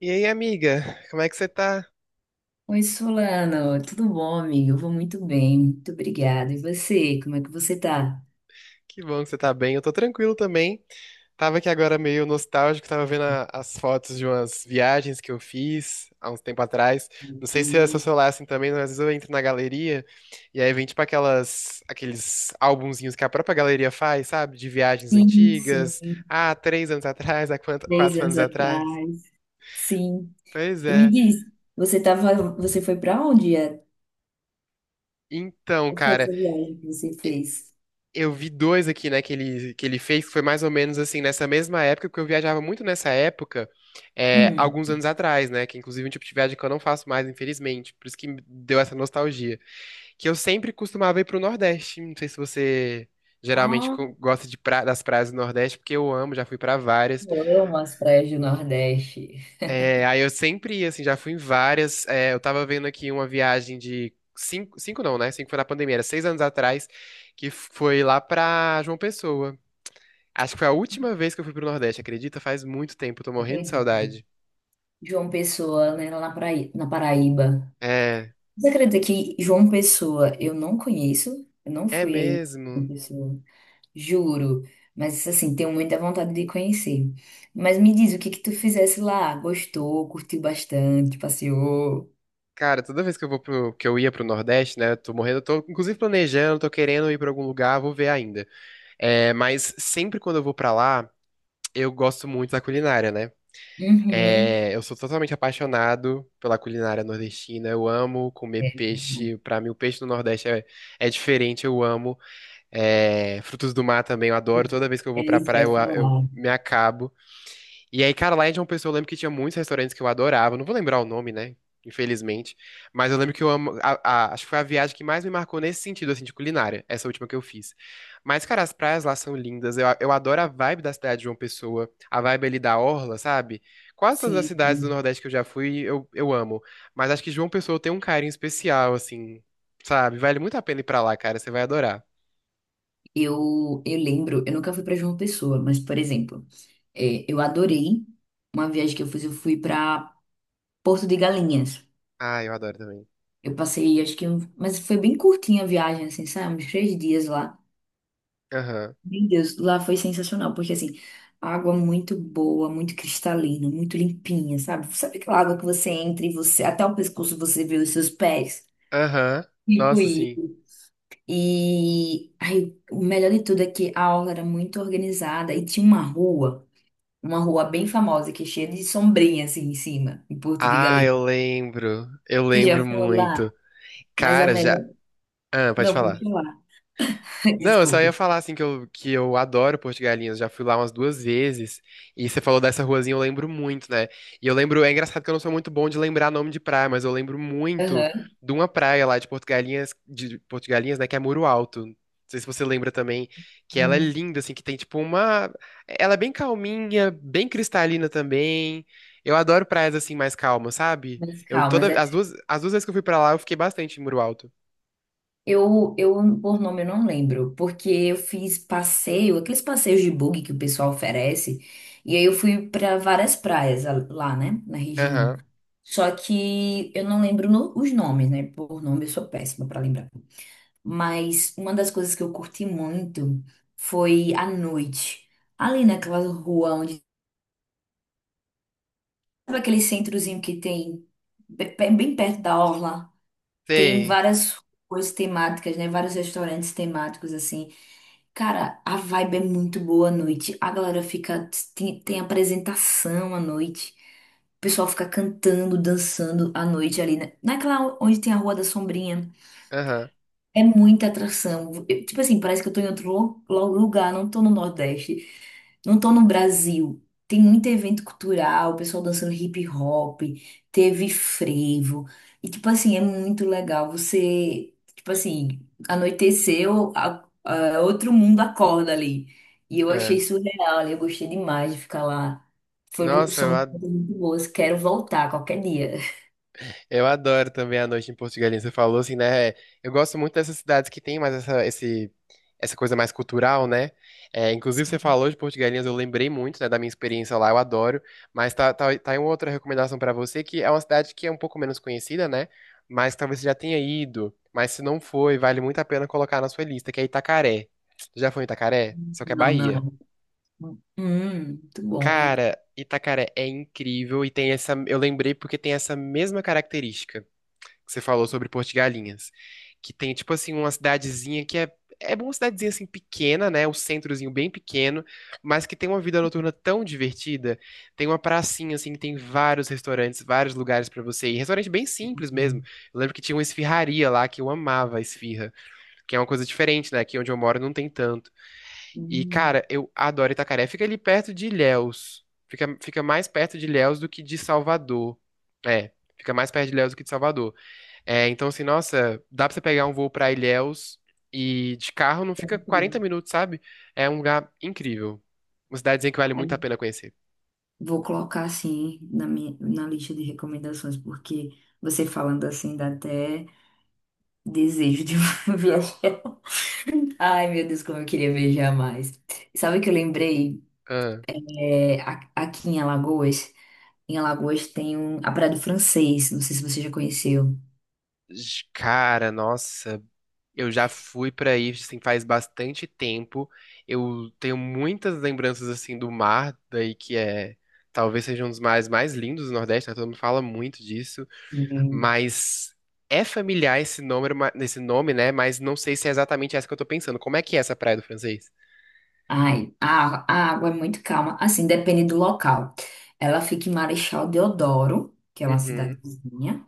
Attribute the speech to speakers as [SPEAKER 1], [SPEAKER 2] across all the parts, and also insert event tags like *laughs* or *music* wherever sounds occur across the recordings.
[SPEAKER 1] E aí, amiga, como é que você tá?
[SPEAKER 2] Oi, Solano, tudo bom, amigo? Eu vou muito bem, muito obrigada. E você, como é que você tá?
[SPEAKER 1] Que bom que você tá bem, eu tô tranquilo também. Tava aqui agora meio nostálgico, tava vendo as fotos de umas viagens que eu fiz há uns tempo atrás. Não sei se é seu
[SPEAKER 2] Hum.
[SPEAKER 1] celular assim também, mas às vezes eu entro na galeria e aí vem tipo aquelas, aqueles álbumzinhos que a própria galeria faz, sabe? De viagens
[SPEAKER 2] Sim, sim,
[SPEAKER 1] antigas, ah, 3 anos atrás,
[SPEAKER 2] três
[SPEAKER 1] quatro
[SPEAKER 2] anos
[SPEAKER 1] anos atrás.
[SPEAKER 2] atrás, sim.
[SPEAKER 1] Pois
[SPEAKER 2] E me
[SPEAKER 1] é.
[SPEAKER 2] diz, você tava, você foi para onde? É?
[SPEAKER 1] Então,
[SPEAKER 2] Qual foi
[SPEAKER 1] cara.
[SPEAKER 2] essa viagem que você fez?
[SPEAKER 1] Eu vi dois aqui, né, que ele fez, que foi mais ou menos assim, nessa mesma época, porque eu viajava muito nessa época, é, alguns
[SPEAKER 2] Hum.
[SPEAKER 1] anos atrás, né, que inclusive é um tipo de viagem que eu não faço mais, infelizmente, por isso que me deu essa nostalgia, que eu sempre costumava ir pro Nordeste, não sei se você geralmente
[SPEAKER 2] Ah,
[SPEAKER 1] gosta das praias do Nordeste, porque eu amo, já fui pra várias.
[SPEAKER 2] eu amo as praias do Nordeste,
[SPEAKER 1] É, aí eu sempre ia, assim, já fui em várias. É, eu tava vendo aqui uma viagem de cinco, cinco não, né, cinco foi na pandemia, era 6 anos atrás, que foi lá pra João Pessoa. Acho que foi a última vez que eu fui pro Nordeste, acredita? Faz muito tempo, tô morrendo de
[SPEAKER 2] acredito.
[SPEAKER 1] saudade.
[SPEAKER 2] João Pessoa, né, lá na Paraíba.
[SPEAKER 1] É,
[SPEAKER 2] Você acredita que João Pessoa eu não conheço? Eu não
[SPEAKER 1] é
[SPEAKER 2] fui aí em João
[SPEAKER 1] mesmo.
[SPEAKER 2] Pessoa. Juro, mas assim, tenho muita vontade de conhecer. Mas me diz, o que que tu fizesse lá? Gostou, curtiu bastante, passeou?
[SPEAKER 1] Cara, toda vez que eu vou pro, que eu ia pro Nordeste, né, tô morrendo, tô inclusive planejando, tô querendo ir pra algum lugar, vou ver ainda. É, mas sempre quando eu vou pra lá, eu gosto muito da culinária, né?
[SPEAKER 2] Uhum.
[SPEAKER 1] É, eu sou totalmente apaixonado pela culinária nordestina. Eu amo comer
[SPEAKER 2] É, bom,
[SPEAKER 1] peixe. Pra mim, o peixe do Nordeste é, é diferente. Eu amo. É, frutos do mar também. Eu adoro. Toda vez que eu
[SPEAKER 2] é
[SPEAKER 1] vou pra
[SPEAKER 2] isso que
[SPEAKER 1] praia,
[SPEAKER 2] eu ia
[SPEAKER 1] eu
[SPEAKER 2] falar.
[SPEAKER 1] me acabo. E aí, cara, lá em João Pessoa eu lembro que tinha muitos restaurantes que eu adorava. Não vou lembrar o nome, né? Infelizmente. Mas eu lembro que eu amo. Acho que foi a viagem que mais me marcou nesse sentido, assim, de culinária. Essa última que eu fiz. Mas, cara, as praias lá são lindas. Eu adoro a vibe da cidade de João Pessoa. A vibe ali da Orla, sabe? Quase todas as
[SPEAKER 2] Sim,
[SPEAKER 1] cidades do
[SPEAKER 2] sim.
[SPEAKER 1] Nordeste que eu já fui, eu amo. Mas acho que João Pessoa tem um carinho especial, assim. Sabe? Vale muito a pena ir pra lá, cara. Você vai adorar.
[SPEAKER 2] Eu lembro, eu nunca fui para João Pessoa, mas, por exemplo, é, eu adorei uma viagem que eu fiz, eu fui para Porto de Galinhas.
[SPEAKER 1] Ah, eu adoro também.
[SPEAKER 2] Eu passei, acho que, mas foi bem curtinha a viagem, assim, sabe? Uns três dias lá.
[SPEAKER 1] Aham.
[SPEAKER 2] Meu Deus, lá foi sensacional, porque assim, água muito boa, muito cristalina, muito limpinha, sabe? Sabe aquela água que você entra e você, até o pescoço você vê os seus pés?
[SPEAKER 1] Aham.
[SPEAKER 2] Tipo
[SPEAKER 1] Nossa, sim.
[SPEAKER 2] isso. E aí, o melhor de tudo é que a aula era muito organizada e tinha uma rua bem famosa, que é cheia de sombrinha assim em cima, em Porto de
[SPEAKER 1] Ah,
[SPEAKER 2] Galinhas.
[SPEAKER 1] eu lembro. Eu
[SPEAKER 2] Você
[SPEAKER 1] lembro
[SPEAKER 2] já foi lá?
[SPEAKER 1] muito.
[SPEAKER 2] Mas a
[SPEAKER 1] Cara, já.
[SPEAKER 2] melhor.
[SPEAKER 1] Ah, pode
[SPEAKER 2] Não, pode
[SPEAKER 1] falar.
[SPEAKER 2] lá. *laughs*
[SPEAKER 1] Não, eu só ia
[SPEAKER 2] Desculpe.
[SPEAKER 1] falar assim que eu adoro Porto de Galinhas, já fui lá umas duas vezes, e você falou dessa ruazinha, eu lembro muito, né? E eu lembro, é engraçado que eu não sou muito bom de lembrar nome de praia, mas eu lembro muito
[SPEAKER 2] Aham.
[SPEAKER 1] de uma praia lá de Porto de Galinhas, de Porto de Galinhas, né, que é Muro Alto. Não sei se você lembra também, que ela é
[SPEAKER 2] Hum.
[SPEAKER 1] linda, assim, que tem tipo uma. Ela é bem calminha, bem cristalina também. Eu adoro praias assim mais calmas, sabe?
[SPEAKER 2] Mas
[SPEAKER 1] Eu
[SPEAKER 2] calma,
[SPEAKER 1] toda. As duas vezes que eu fui pra lá, eu fiquei bastante em Muro Alto.
[SPEAKER 2] eu por nome, eu não lembro, porque eu fiz passeio, aqueles passeios de bug que o pessoal oferece, e aí eu fui para várias praias lá, né, na região.
[SPEAKER 1] Aham,
[SPEAKER 2] Só que eu não lembro os nomes, né? Por nome eu sou péssima para lembrar. Mas uma das coisas que eu curti muito foi à noite, ali naquela rua onde, sabe aquele centrozinho que tem bem perto da orla? Tem
[SPEAKER 1] sei.
[SPEAKER 2] várias coisas temáticas, né? Vários restaurantes temáticos, assim. Cara, a vibe é muito boa à noite. A galera fica. Tem apresentação à noite. O pessoal fica cantando, dançando à noite ali, né? Naquela onde tem a Rua da Sombrinha.
[SPEAKER 1] Aham.
[SPEAKER 2] É muita atração. Tipo assim, parece que eu tô em outro lugar, não tô no Nordeste, não tô no Brasil. Tem muito evento cultural, o pessoal dançando hip hop, teve frevo. E tipo assim, é muito legal. Você, tipo assim, anoiteceu, outro mundo acorda ali. E eu achei
[SPEAKER 1] É.
[SPEAKER 2] surreal ali, eu gostei demais de ficar lá. Foram,
[SPEAKER 1] Nossa,
[SPEAKER 2] são coisas muito boas, quero voltar qualquer dia.
[SPEAKER 1] eu adoro também a noite em Porto de Galinhas. Você falou assim, né? Eu gosto muito dessas cidades que tem mais essa, esse, essa coisa mais cultural, né? É, inclusive, você falou de Porto de Galinhas, eu lembrei muito, né, da minha experiência lá, eu adoro. Mas tá aí uma outra recomendação pra você, que é uma cidade que é um pouco menos conhecida, né? Mas talvez você já tenha ido. Mas se não foi, vale muito a pena colocar na sua lista, que é Itacaré. Já foi em Itacaré? Só que é
[SPEAKER 2] Não,
[SPEAKER 1] Bahia.
[SPEAKER 2] não. Muito
[SPEAKER 1] Cara, Itacaré é incrível e tem essa. Eu lembrei porque tem essa mesma característica que você falou sobre Porto de Galinhas, que tem tipo assim uma cidadezinha que é é uma cidadezinha assim pequena, né, um centrozinho bem pequeno, mas que tem uma vida noturna tão divertida. Tem uma pracinha assim que tem vários restaurantes, vários lugares pra você ir. Restaurante bem simples mesmo.
[SPEAKER 2] bom.
[SPEAKER 1] Eu lembro que tinha uma esfirraria lá que eu amava a esfirra, que é uma coisa diferente, né? Aqui onde eu moro não tem tanto. E
[SPEAKER 2] Hum,
[SPEAKER 1] cara, eu adoro Itacaré. Fica ali perto de Ilhéus. Fica mais perto de Ilhéus do que de Salvador. É, fica mais perto de Ilhéus do que de Salvador. É, então, assim, nossa, dá pra você pegar um voo pra Ilhéus e de carro não fica
[SPEAKER 2] deve ser
[SPEAKER 1] 40
[SPEAKER 2] legal.
[SPEAKER 1] minutos, sabe? É um lugar incrível. Uma cidadezinha que vale muito a
[SPEAKER 2] Aí,
[SPEAKER 1] pena conhecer.
[SPEAKER 2] vou colocar assim na minha, na lista de recomendações, porque você falando assim dá até desejo de *laughs* viajar. Ai, meu Deus, como eu queria viajar mais. Sabe o que eu lembrei?
[SPEAKER 1] Ah,
[SPEAKER 2] É, aqui em Alagoas tem um, a Praia do Francês, não sei se você já conheceu.
[SPEAKER 1] cara, nossa, eu já fui pra aí, assim, faz bastante tempo. Eu tenho muitas lembranças, assim, do mar, daí que é... Talvez seja um dos mares mais lindos do Nordeste, né? Todo mundo fala muito disso.
[SPEAKER 2] Hum.
[SPEAKER 1] Mas é familiar esse nome, né? Mas não sei se é exatamente essa que eu tô pensando. Como é que é essa Praia do Francês?
[SPEAKER 2] Ai, a água é muito calma, assim, depende do local. Ela fica em Marechal Deodoro, que é uma
[SPEAKER 1] Uhum.
[SPEAKER 2] cidadezinha.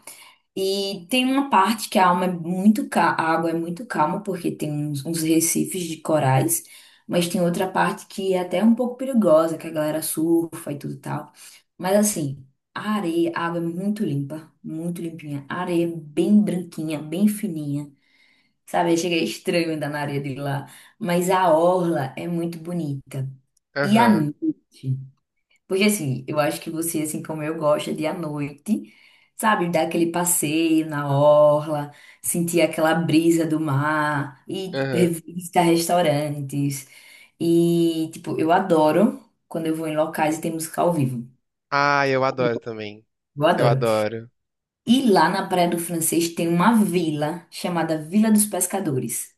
[SPEAKER 2] E tem uma parte que a alma é muito a água é muito calma, porque tem uns recifes de corais, mas tem outra parte que é até um pouco perigosa, que a galera surfa e tudo e tal. Mas assim, a areia, a água é muito limpa, muito limpinha. A areia é bem branquinha, bem fininha. Sabe, chega estranho andar na areia de lá. Mas a orla é muito bonita. E à
[SPEAKER 1] Aham.
[SPEAKER 2] noite? Porque assim, eu acho que você, assim como eu, gosta de ir à noite, sabe, dar aquele passeio na orla, sentir aquela brisa do mar e tipo,
[SPEAKER 1] Aham.
[SPEAKER 2] visitar restaurantes. E, tipo, eu adoro quando eu vou em locais e tem música ao vivo.
[SPEAKER 1] Ah, eu adoro também.
[SPEAKER 2] Eu
[SPEAKER 1] Eu
[SPEAKER 2] adoro.
[SPEAKER 1] adoro.
[SPEAKER 2] E lá na Praia do Francês tem uma vila chamada Vila dos Pescadores.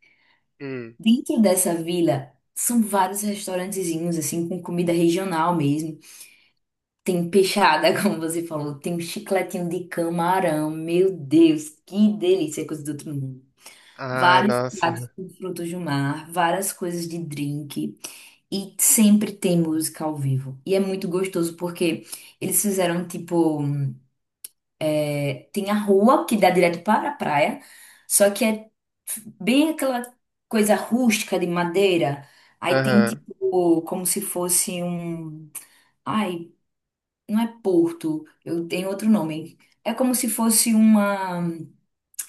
[SPEAKER 1] Hum.
[SPEAKER 2] Dentro dessa vila são vários restaurantezinhos, assim, com comida regional mesmo. Tem peixada, *laughs* como você falou. Tem um chicletinho de camarão. Meu Deus, que delícia, coisa do outro mundo.
[SPEAKER 1] Ai,
[SPEAKER 2] Vários
[SPEAKER 1] nossa.
[SPEAKER 2] pratos com frutos do mar, várias coisas de drink. E sempre tem música ao vivo. E é muito gostoso porque eles fizeram tipo. Tem a rua que dá direto para a praia, só que é bem aquela coisa rústica de madeira. Aí tem
[SPEAKER 1] Aham.
[SPEAKER 2] tipo como se fosse um. Ai. Não é Porto, eu tenho outro nome. É como se fosse uma.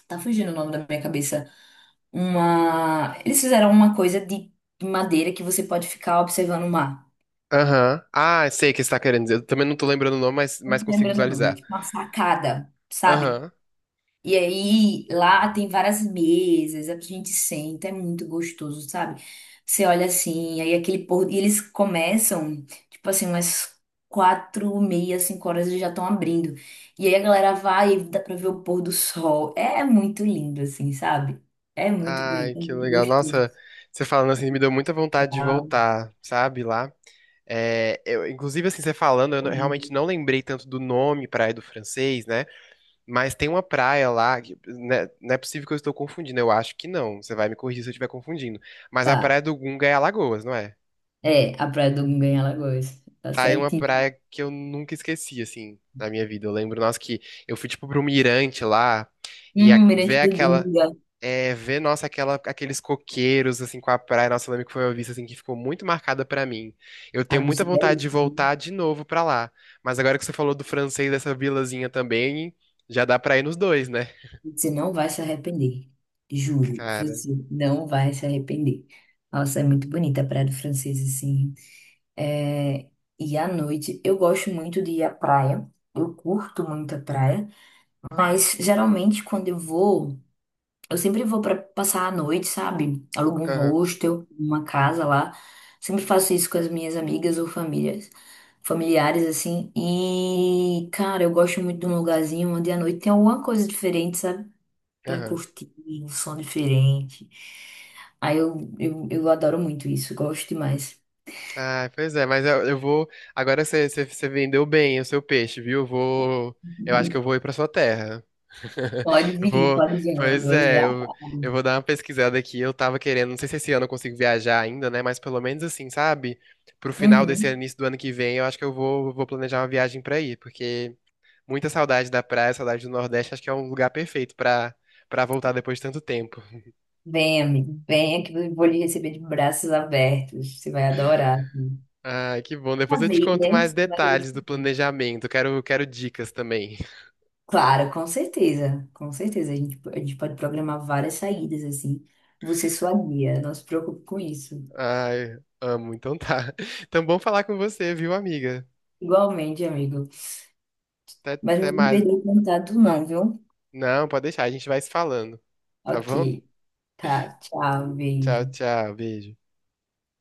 [SPEAKER 2] Tá fugindo o nome da minha cabeça. Uma. Eles fizeram uma coisa de madeira que você pode ficar observando o mar.
[SPEAKER 1] Aham. Ah, sei o que você tá querendo dizer. Eu também não tô lembrando o nome,
[SPEAKER 2] Não
[SPEAKER 1] mas
[SPEAKER 2] tô
[SPEAKER 1] consigo
[SPEAKER 2] lembrando o nome, é
[SPEAKER 1] visualizar.
[SPEAKER 2] tipo uma sacada, sabe?
[SPEAKER 1] Aham.
[SPEAKER 2] E aí, lá tem várias mesas, a gente senta, é muito gostoso, sabe? Você olha assim, aí aquele pôr, e eles começam, tipo assim, umas 4h, 5h eles já estão abrindo. E aí a galera vai e dá pra ver o pôr do sol. É muito lindo, assim, sabe? É muito
[SPEAKER 1] Ai,
[SPEAKER 2] bonito, é
[SPEAKER 1] que
[SPEAKER 2] muito
[SPEAKER 1] legal.
[SPEAKER 2] gostoso.
[SPEAKER 1] Nossa, você falando assim me deu muita vontade de
[SPEAKER 2] Tá.
[SPEAKER 1] voltar, sabe, lá. É, eu, inclusive, assim, você falando, eu não- realmente não lembrei tanto do nome Praia do Francês, né? Mas tem uma praia lá, que, né, não é possível que eu estou confundindo, eu acho que não. Você vai me corrigir se eu estiver confundindo. Mas a
[SPEAKER 2] Tá,
[SPEAKER 1] Praia do Gunga é Alagoas, não é?
[SPEAKER 2] é, a Praia do Gunga em Alagoas, tá
[SPEAKER 1] Tá aí uma
[SPEAKER 2] certinho.
[SPEAKER 1] praia que eu nunca esqueci, assim, na minha vida. Eu lembro, nossa, que eu fui, tipo, pra um mirante lá ver
[SPEAKER 2] Mirante do
[SPEAKER 1] aquela.
[SPEAKER 2] Gunga.
[SPEAKER 1] É, ver, nossa, aquela, aqueles coqueiros, assim, com a praia. Nossa, eu lembro que foi uma vista, assim, que ficou muito marcada pra mim. Eu tenho
[SPEAKER 2] Ah,
[SPEAKER 1] muita
[SPEAKER 2] isso é
[SPEAKER 1] vontade de
[SPEAKER 2] belíssimo.
[SPEAKER 1] voltar de novo pra lá. Mas agora que você falou do francês, dessa vilazinha também, já dá pra ir nos dois, né?
[SPEAKER 2] Você não vai se arrepender. Juro,
[SPEAKER 1] Cara.
[SPEAKER 2] você não vai se arrepender. Nossa, é muito bonita a Praia do Francês, assim. É. E à noite, eu gosto muito de ir à praia. Eu curto muito a praia. Mas, geralmente, quando eu vou, eu sempre vou para passar a noite, sabe? Alugo um hostel, uma casa lá. Sempre faço isso com as minhas amigas ou famílias. Familiares, assim. E, cara, eu gosto muito de um lugarzinho onde à noite tem alguma coisa diferente, sabe? Pra
[SPEAKER 1] Aham.
[SPEAKER 2] curtir um som diferente. Aí eu adoro muito isso, gosto demais.
[SPEAKER 1] Ah, pois é, mas eu vou. Agora você vendeu bem o seu peixe, viu? Eu vou. Eu acho que eu vou ir pra sua terra. *laughs* Eu vou.
[SPEAKER 2] Pode vir, meu
[SPEAKER 1] Pois
[SPEAKER 2] Deus. É
[SPEAKER 1] é, eu,
[SPEAKER 2] amado.
[SPEAKER 1] eu vou dar uma pesquisada aqui. Eu tava querendo, não sei se esse ano eu consigo viajar ainda, né? Mas pelo menos assim, sabe? Pro final desse ano,
[SPEAKER 2] Uhum.
[SPEAKER 1] início do ano que vem, eu acho que eu vou planejar uma viagem pra ir, porque muita saudade da praia, saudade do Nordeste, acho que é um lugar perfeito pra, pra voltar depois de tanto tempo.
[SPEAKER 2] Vem, amigo, venha que eu vou lhe receber de braços abertos. Você vai adorar.
[SPEAKER 1] Ai, que bom.
[SPEAKER 2] Pra
[SPEAKER 1] Depois eu te
[SPEAKER 2] ver,
[SPEAKER 1] conto
[SPEAKER 2] né?
[SPEAKER 1] mais
[SPEAKER 2] Você vai
[SPEAKER 1] detalhes do
[SPEAKER 2] receber.
[SPEAKER 1] planejamento. Quero dicas também.
[SPEAKER 2] Claro, com certeza, com certeza. A gente pode programar várias saídas assim. Você é sua guia, não se preocupe com isso.
[SPEAKER 1] Ai, amo. Então tá. *laughs* Então bom falar com você, viu, amiga?
[SPEAKER 2] Igualmente, amigo.
[SPEAKER 1] Até,
[SPEAKER 2] Mas não
[SPEAKER 1] até
[SPEAKER 2] vou
[SPEAKER 1] mais.
[SPEAKER 2] perder o contato, não, viu?
[SPEAKER 1] Não, pode deixar, a gente vai se falando. Tá
[SPEAKER 2] Ok.
[SPEAKER 1] bom?
[SPEAKER 2] Tá, tchau,
[SPEAKER 1] Tchau,
[SPEAKER 2] beijo.
[SPEAKER 1] tchau. Beijo.